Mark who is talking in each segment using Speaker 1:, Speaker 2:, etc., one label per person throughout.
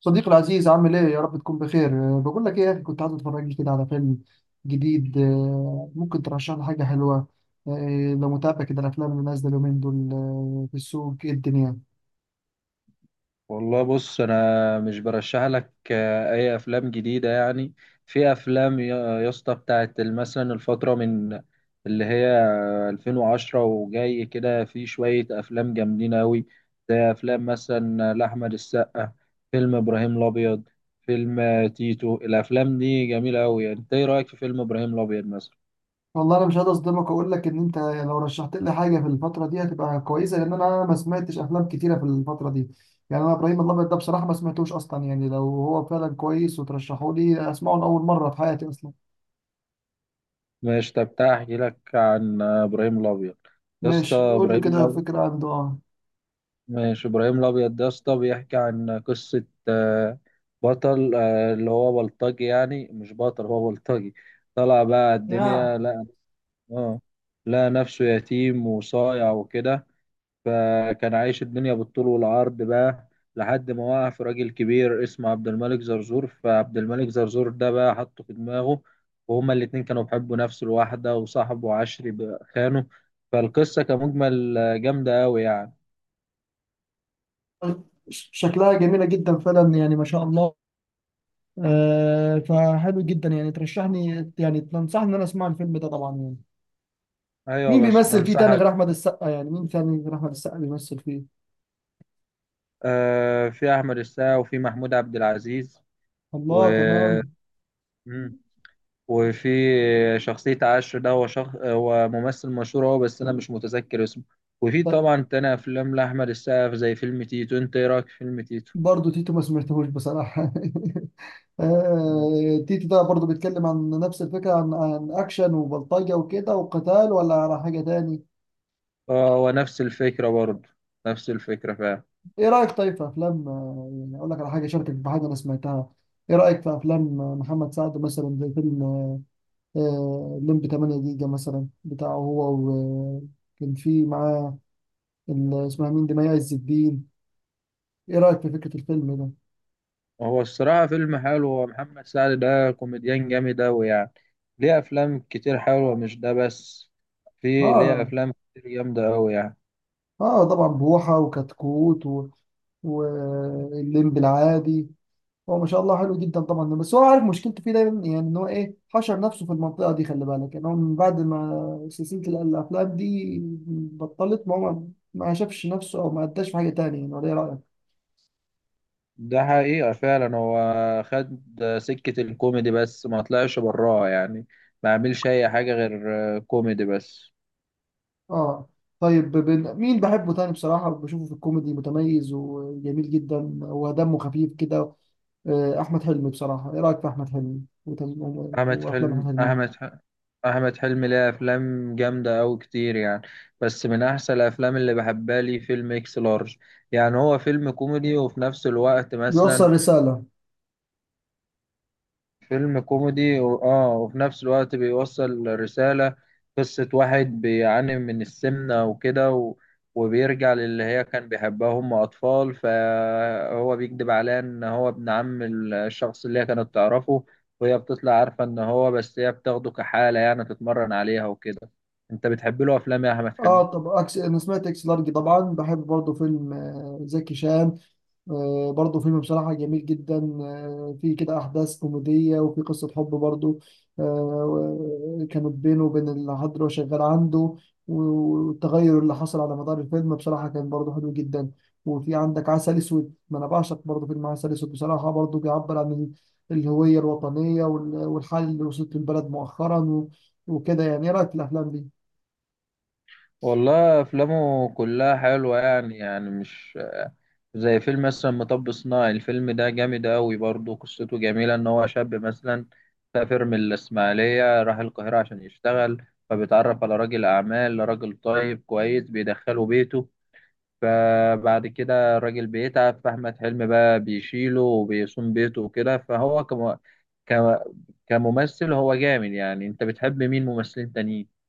Speaker 1: صديقي العزيز، عامل ايه؟ يا رب تكون بخير. بقول لك ايه يا اخي، كنت عايز اتفرج لي كده على فيلم جديد. ممكن ترشح لي حاجه حلوه؟ لو متابع كده الافلام اللي نازله اليومين دول. في السوق ايه الدنيا؟
Speaker 2: والله بص انا مش برشح لك اي افلام جديده يعني. في افلام يا اسطى بتاعت مثلا الفتره من اللي هي 2010 وجاي كده، في شويه افلام جامدين قوي زي افلام مثلا لاحمد السقا، فيلم ابراهيم الابيض، فيلم تيتو. الافلام دي جميله قوي، انت ايه رايك في فيلم ابراهيم الابيض مثلا؟
Speaker 1: والله انا مش هقدر اصدمك واقول لك ان انت لو رشحت لي حاجه في الفتره دي هتبقى كويسه، لان انا ما سمعتش افلام كتيره في الفتره دي. يعني انا ابراهيم الابيض ده بصراحه ما سمعتوش اصلا، يعني لو هو فعلا كويس وترشحوا لي اسمعه لاول مره في حياتي اصلا.
Speaker 2: ماشي، طب تعالى احكي لك عن ابراهيم الابيض. يا اسطى
Speaker 1: ماشي قول لي
Speaker 2: ابراهيم،
Speaker 1: كده فكره عنده.
Speaker 2: ماشي ابراهيم الابيض ده يا اسطى بيحكي عن قصه بطل، اللي هو بلطجي، يعني مش بطل هو بلطجي. طلع بقى
Speaker 1: اه،
Speaker 2: الدنيا لقى، اه لقى نفسه يتيم وصايع وكده، فكان عايش الدنيا بالطول والعرض بقى لحد ما وقع في راجل كبير اسمه عبد الملك زرزور. فعبد الملك زرزور ده بقى حطه في دماغه، وهما الاتنين كانوا بيحبوا نفس الواحدة وصاحبه عشري بقى خانه. فالقصة كمجمل جامدة أوي يعني.
Speaker 1: شكلها جميلة جدا فعلا يعني ما شاء الله. فحلو جدا يعني، ترشحني يعني تنصحني ان انا اسمع الفيلم ده طبعا يعني.
Speaker 2: أيوة
Speaker 1: مين
Speaker 2: بس
Speaker 1: بيمثل فيه تاني
Speaker 2: بنصحك.
Speaker 1: غير احمد السقا؟ يعني مين تاني غير احمد السقا بيمثل فيه؟
Speaker 2: آه في أحمد السقا وفي محمود عبد العزيز، و
Speaker 1: الله، تمام.
Speaker 2: مم. وفي شخصية عشر ده هو هو ممثل مشهور هو، بس أنا مش متذكر اسمه. وفي
Speaker 1: طيب
Speaker 2: طبعا تاني أفلام لأحمد السقا زي فيلم تيتو. أنت إيه رأيك في فيلم تيتو؟
Speaker 1: برضه تيتو ما سمعتهوش بصراحة.
Speaker 2: آه،
Speaker 1: تيتو ده برضه بيتكلم عن نفس الفكرة، عن اكشن وبلطجة وكده وقتال، ولا على حاجة تاني؟
Speaker 2: هو نفس الفكرة برضه، نفس الفكرة فعلا.
Speaker 1: ايه رأيك طيب في افلام؟ يعني اقول لك على حاجة، شاركك بحاجة انا سمعتها. ايه رأيك في افلام محمد سعد مثلا، زي فيلم ليم ب 8 جيجا مثلا بتاعه، هو وكان في معاه اسمها مين دي، مي عز الدين. ايه رأيك في فكرة الفيلم ده؟
Speaker 2: هو الصراحة فيلم حلو، هو محمد سعد ده كوميديان جامد أوي يعني، ليه أفلام كتير حلوة مش ده بس، في ليه
Speaker 1: اه،
Speaker 2: أفلام كتير جامدة أوي يعني.
Speaker 1: اه طبعا، بوحة وكتكوت والليمب العادي. هو ما شاء الله حلو جدا طبعا، بس هو عارف مشكلته فيه دايما يعني، ان هو ايه حشر نفسه في المنطقة دي. خلي بالك يعني، هو من بعد ما سلسلة الافلام دي بطلت، ما هو ما شافش نفسه او ما اداش في حاجة تانية يعني، ولا ايه رأيك؟
Speaker 2: ده حقيقة فعلا هو خد سكة الكوميدي بس ما طلعش براها يعني، ما عملش أي حاجة غير كوميدي بس.
Speaker 1: اه، طيب مين بحبه تاني بصراحة؟ بشوفه في الكوميدي متميز وجميل جدا، ودمه خفيف كده. أحمد حلمي بصراحة، إيه رأيك في أحمد حلمي
Speaker 2: أحمد
Speaker 1: وأفلام أحمد
Speaker 2: حلم
Speaker 1: حلمي؟
Speaker 2: أحمد ح- أحمد حلمي ليه أفلام جامدة أوي كتير يعني، بس من أحسن الأفلام اللي بحبها لي فيلم إكس لارج. يعني هو فيلم كوميدي وفي نفس الوقت مثلا،
Speaker 1: بيوصل رسالة.
Speaker 2: فيلم كوميدي اه وفي نفس الوقت بيوصل رسالة. قصة واحد بيعاني من السمنة وكده وبيرجع للي هي كان بيحبها، هم أطفال، فهو بيكذب عليها إن هو ابن عم الشخص اللي هي كانت تعرفه. وهي بتطلع عارفة إن هو، بس هي بتاخده كحالة يعني تتمرن عليها وكده. أنت بتحب له أفلام يا أحمد حلمي؟
Speaker 1: اه، طب أنا سمعت إكس لارج طبعا. بحب برضه فيلم زكي شان. برضه فيلم بصراحة جميل جدا. فيه كده أحداث كوميدية، وفي قصة حب برضه. كانت بينه وبين العذراء وشغال عنده. والتغير اللي حصل على مدار الفيلم بصراحة كان برضه حلو جدا. وفي عندك عسل أسود، ما أنا بعشق برضه فيلم عسل أسود بصراحة، برضه بيعبر عن الهوية الوطنية والحال اللي وصلت البلد مؤخرا وكده يعني. إيه رأيك في الأفلام دي؟
Speaker 2: والله أفلامه كلها حلوة يعني، يعني مش زي فيلم مثلا مطب صناعي. الفيلم ده جامد أوي برضه، قصته جميلة إن هو شاب مثلا سافر من الإسماعيلية راح القاهرة عشان يشتغل، فبيتعرف على راجل أعمال راجل طيب كويس بيدخله بيته. فبعد كده الراجل بيتعب فأحمد حلمي بقى بيشيله وبيصوم بيته وكده. فهو ك... كممثل هو جامد يعني. أنت بتحب مين ممثلين تانيين؟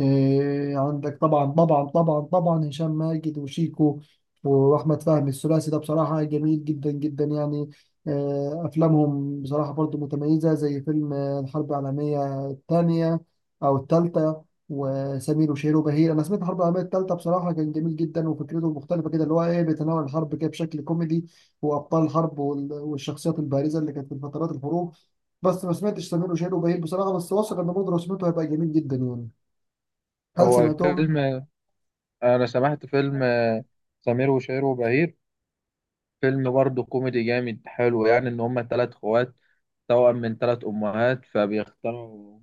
Speaker 1: إيه، عندك طبعا طبعا طبعا طبعا هشام ماجد وشيكو واحمد فهمي، الثلاثي ده بصراحه جميل جدا جدا يعني. افلامهم بصراحه برضو متميزه، زي فيلم الحرب العالميه الثانيه او الثالثه، وسمير وشهير وبهير. انا سمعت الحرب العالميه الثالثه بصراحه كان جميل جدا، وفكرته مختلفه كده، اللي هو ايه، بيتناول الحرب كده بشكل كوميدي، وابطال الحرب والشخصيات البارزه اللي كانت في فترات الحروب. بس ما سمعتش سمير وشهير وبهير بصراحه، بس واثق ان برضه لو سمعته هيبقى جميل جدا يعني. هل
Speaker 2: هو
Speaker 1: سمعتهم؟
Speaker 2: فيلم، أنا سمعت فيلم سمير وشهير وبهير، فيلم برضه كوميدي جامد حلو يعني، ان هما تلات اخوات توأم من تلات امهات،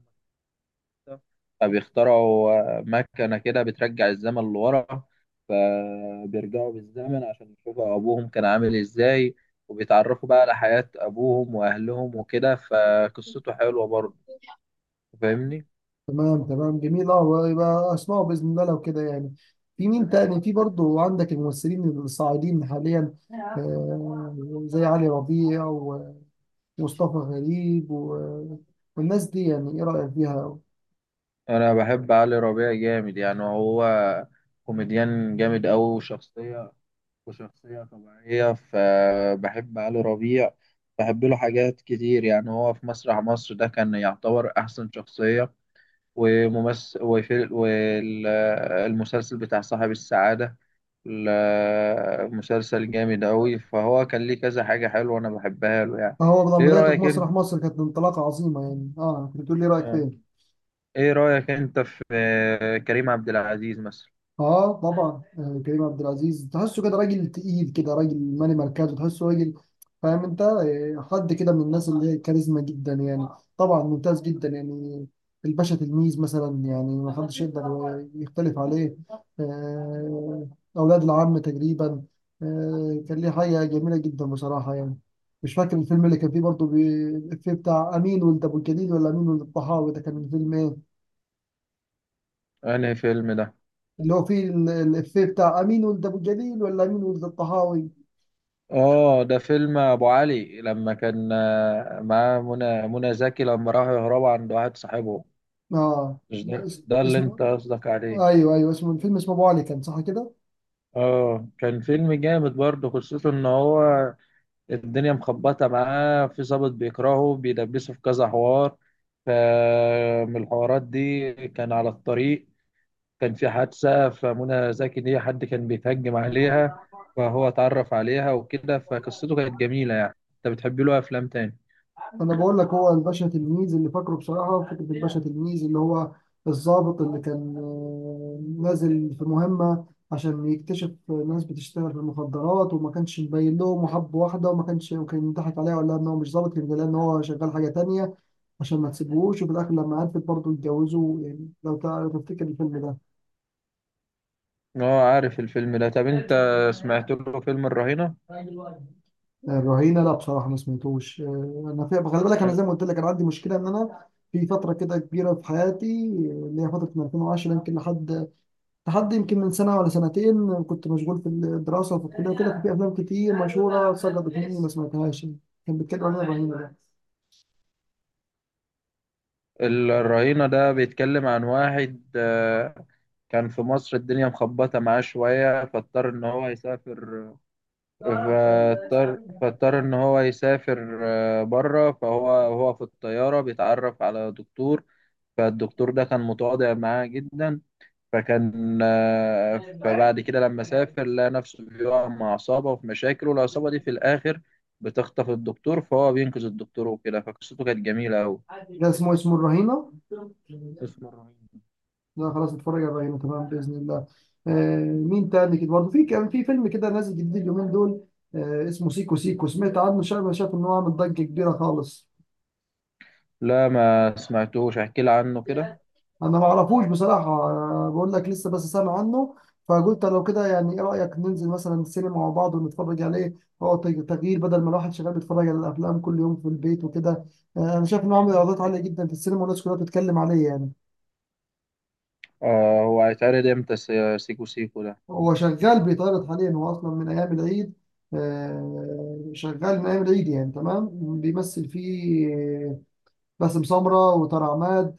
Speaker 2: فبيخترعوا مكنة كده بترجع الزمن لورا، فبيرجعوا بالزمن عشان يشوفوا ابوهم كان عامل ازاي، وبيتعرفوا بقى على حياة ابوهم واهلهم وكده، فقصته حلوة برضه، فاهمني.
Speaker 1: تمام تمام جميل. اه، يبقى اسمعوا باذن الله لو كده يعني. في مين تاني؟ في برضو عندك الممثلين الصاعدين حاليا، آه زي علي ربيع ومصطفى غريب والناس دي يعني. ايه رايك فيها؟
Speaker 2: انا بحب علي ربيع جامد يعني، هو كوميديان جامد أوي وشخصية طبيعية، فبحب علي ربيع، بحب له حاجات كتير يعني. هو في مسرح مصر ده كان يعتبر أحسن شخصية وممثل، وفي والمسلسل بتاع صاحب السعادة، مسلسل جامد أوي، فهو كان ليه كذا حاجة حلوة أنا بحبها له يعني.
Speaker 1: هو لما
Speaker 2: إيه
Speaker 1: بدايته في
Speaker 2: رأيك أنت؟
Speaker 1: مسرح مصر كانت انطلاقه عظيمه يعني. اه كنت بتقول لي إيه رايك
Speaker 2: آه.
Speaker 1: فيها.
Speaker 2: إيه رأيك أنت في كريم عبد العزيز مثلا؟
Speaker 1: اه، طبعا، كريم عبد العزيز تحسه كده راجل تقيل، كده راجل مالي مركزه، تحسه راجل فاهم انت. حد كده من الناس اللي هي كاريزما جدا يعني. طبعا ممتاز جدا يعني. الباشا تلميذ مثلا، يعني ما حدش يقدر يختلف عليه. آه، اولاد العم تقريبا، كان ليه حاجه جميله جدا بصراحه يعني. مش فاكر الفيلم اللي كان فيه برضه، الإفيه بتاع امين ولد ابو الجليل ولا امين ولد الطحاوي، ده كان الفيلم إيه؟
Speaker 2: أنهي فيلم ده؟
Speaker 1: اللي هو فيه الإفيه بتاع أمين ولد أبو جليل ولا أمين ولد الطهاوي.
Speaker 2: اه ده فيلم ابو علي، لما كان معاه منى زكي، لما راحوا يهربوا عند واحد صاحبه.
Speaker 1: آه
Speaker 2: مش ده ده اللي
Speaker 1: اسمه
Speaker 2: انت قصدك عليه؟
Speaker 1: إيه؟ أيوه أيوه، اسمه الفيلم، اسمه أبو علي، كان صح كده؟
Speaker 2: اه كان فيلم جامد برضه، خصوصا ان هو الدنيا مخبطه معاه، في ظابط بيكرهه بيدبسه في كذا حوار. فمن الحوارات دي كان على الطريق، كان في حادثه فمنى زكي دي حد كان بيتهجم عليها، فهو اتعرف عليها وكده، فقصته كانت جميله يعني. انت بتحب له افلام تاني؟
Speaker 1: أنا بقول لك، هو الباشا تلميذ اللي فاكره بصراحة، فكرة الباشا تلميذ اللي هو الضابط اللي كان نازل في مهمة عشان يكتشف ناس بتشتغل في المخدرات، وما كانش مبين لهم، وحب واحدة وما كانش، وكان يضحك عليها ولا إن هو مش ضابط، كان قال إن هو شغال حاجة تانية عشان ما تسيبوهوش، وفي الآخر لما عرفت برضه اتجوزوا يعني. لو لو تفتكر الفيلم ده.
Speaker 2: اه عارف الفيلم ده. طب انت سمعت له فيلم الرهينة؟
Speaker 1: الرهينه، لا بصراحه ما سمعتوش. انا في، خلي بالك، انا
Speaker 2: ال-
Speaker 1: زي ما قلت لك انا عندي مشكله، ان انا في فتره كده كبيره في حياتي، اللي هي فتره من 2010 يمكن لحد يمكن من سنه ولا سنتين، كنت مشغول في الدراسه وفي الكليه وكده، ففي افلام كتير مشهوره سقطت مني ما سمعتهاش. كان بيتكلم عن إيه الرهينه ده؟
Speaker 2: الرهينة ده بيتكلم عن واحد كان في مصر الدنيا مخبطة معاه شوية، فاضطر إن هو يسافر، فاضطر إن هو يسافر بره. فهو وهو في الطيارة بيتعرف على دكتور، فالدكتور ده كان متواضع معاه جدا، فكان فبعد كده لما سافر لقى نفسه بيقع مع عصابة وفي مشاكل، والعصابة دي في الآخر بتخطف الدكتور، فهو بينقذ الدكتور وكده، فقصته كانت جميلة أوي.
Speaker 1: ده اسمه الرهينه؟
Speaker 2: اسمه الرهيب.
Speaker 1: لا خلاص اتفرج على الرهينه تمام باذن الله. مين تاني كده برضه؟ في كان في فيلم كده نازل جديد اليومين دول، اسمه سيكو سيكو، سمعت عنه؟ شايف شايف ان هو عامل ضجه كبيره خالص.
Speaker 2: لا ما سمعتوش، احكي لي عنه كده.
Speaker 1: انا ما اعرفوش بصراحه، أنا بقول لك لسه بس سامع عنه، فقلت لو كده يعني، ايه رايك ننزل مثلا السينما مع بعض ونتفرج عليه؟ هو تغيير، بدل ما الواحد شغال بيتفرج على الافلام كل يوم في البيت وكده. انا شايف انه عامل ايرادات عاليه جدا في السينما، والناس كلها بتتكلم عليه يعني.
Speaker 2: آه هو هيتعرض امتى سيكو سيكو ده؟
Speaker 1: هو شغال بيتعرض حاليا، هو اصلا من ايام العيد، شغال من ايام العيد يعني، تمام. بيمثل فيه باسم سمره وطارق عماد،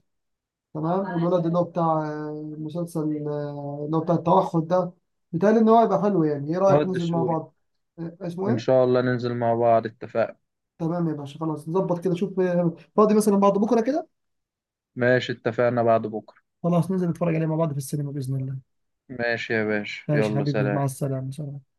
Speaker 1: تمام، والولد اللي هو بتاع مسلسل اللي هو بتاع التوحد ده. بيتهيألي إن هو هيبقى حلو يعني. إيه
Speaker 2: طه
Speaker 1: رأيك ننزل مع
Speaker 2: الدسوقي.
Speaker 1: بعض؟ آه، اسمه
Speaker 2: ان
Speaker 1: إيه؟
Speaker 2: شاء الله ننزل مع بعض، اتفقنا.
Speaker 1: تمام يا باشا، خلاص نظبط كده. شوف فاضي مثلا بعد بكرة كده.
Speaker 2: ماشي اتفقنا، بعد بكرة.
Speaker 1: خلاص ننزل نتفرج عليه مع بعض في السينما بإذن الله.
Speaker 2: ماشي يا باشا،
Speaker 1: ماشي
Speaker 2: يلا
Speaker 1: حبيبي، مع
Speaker 2: سلام.
Speaker 1: السلامة، سلام.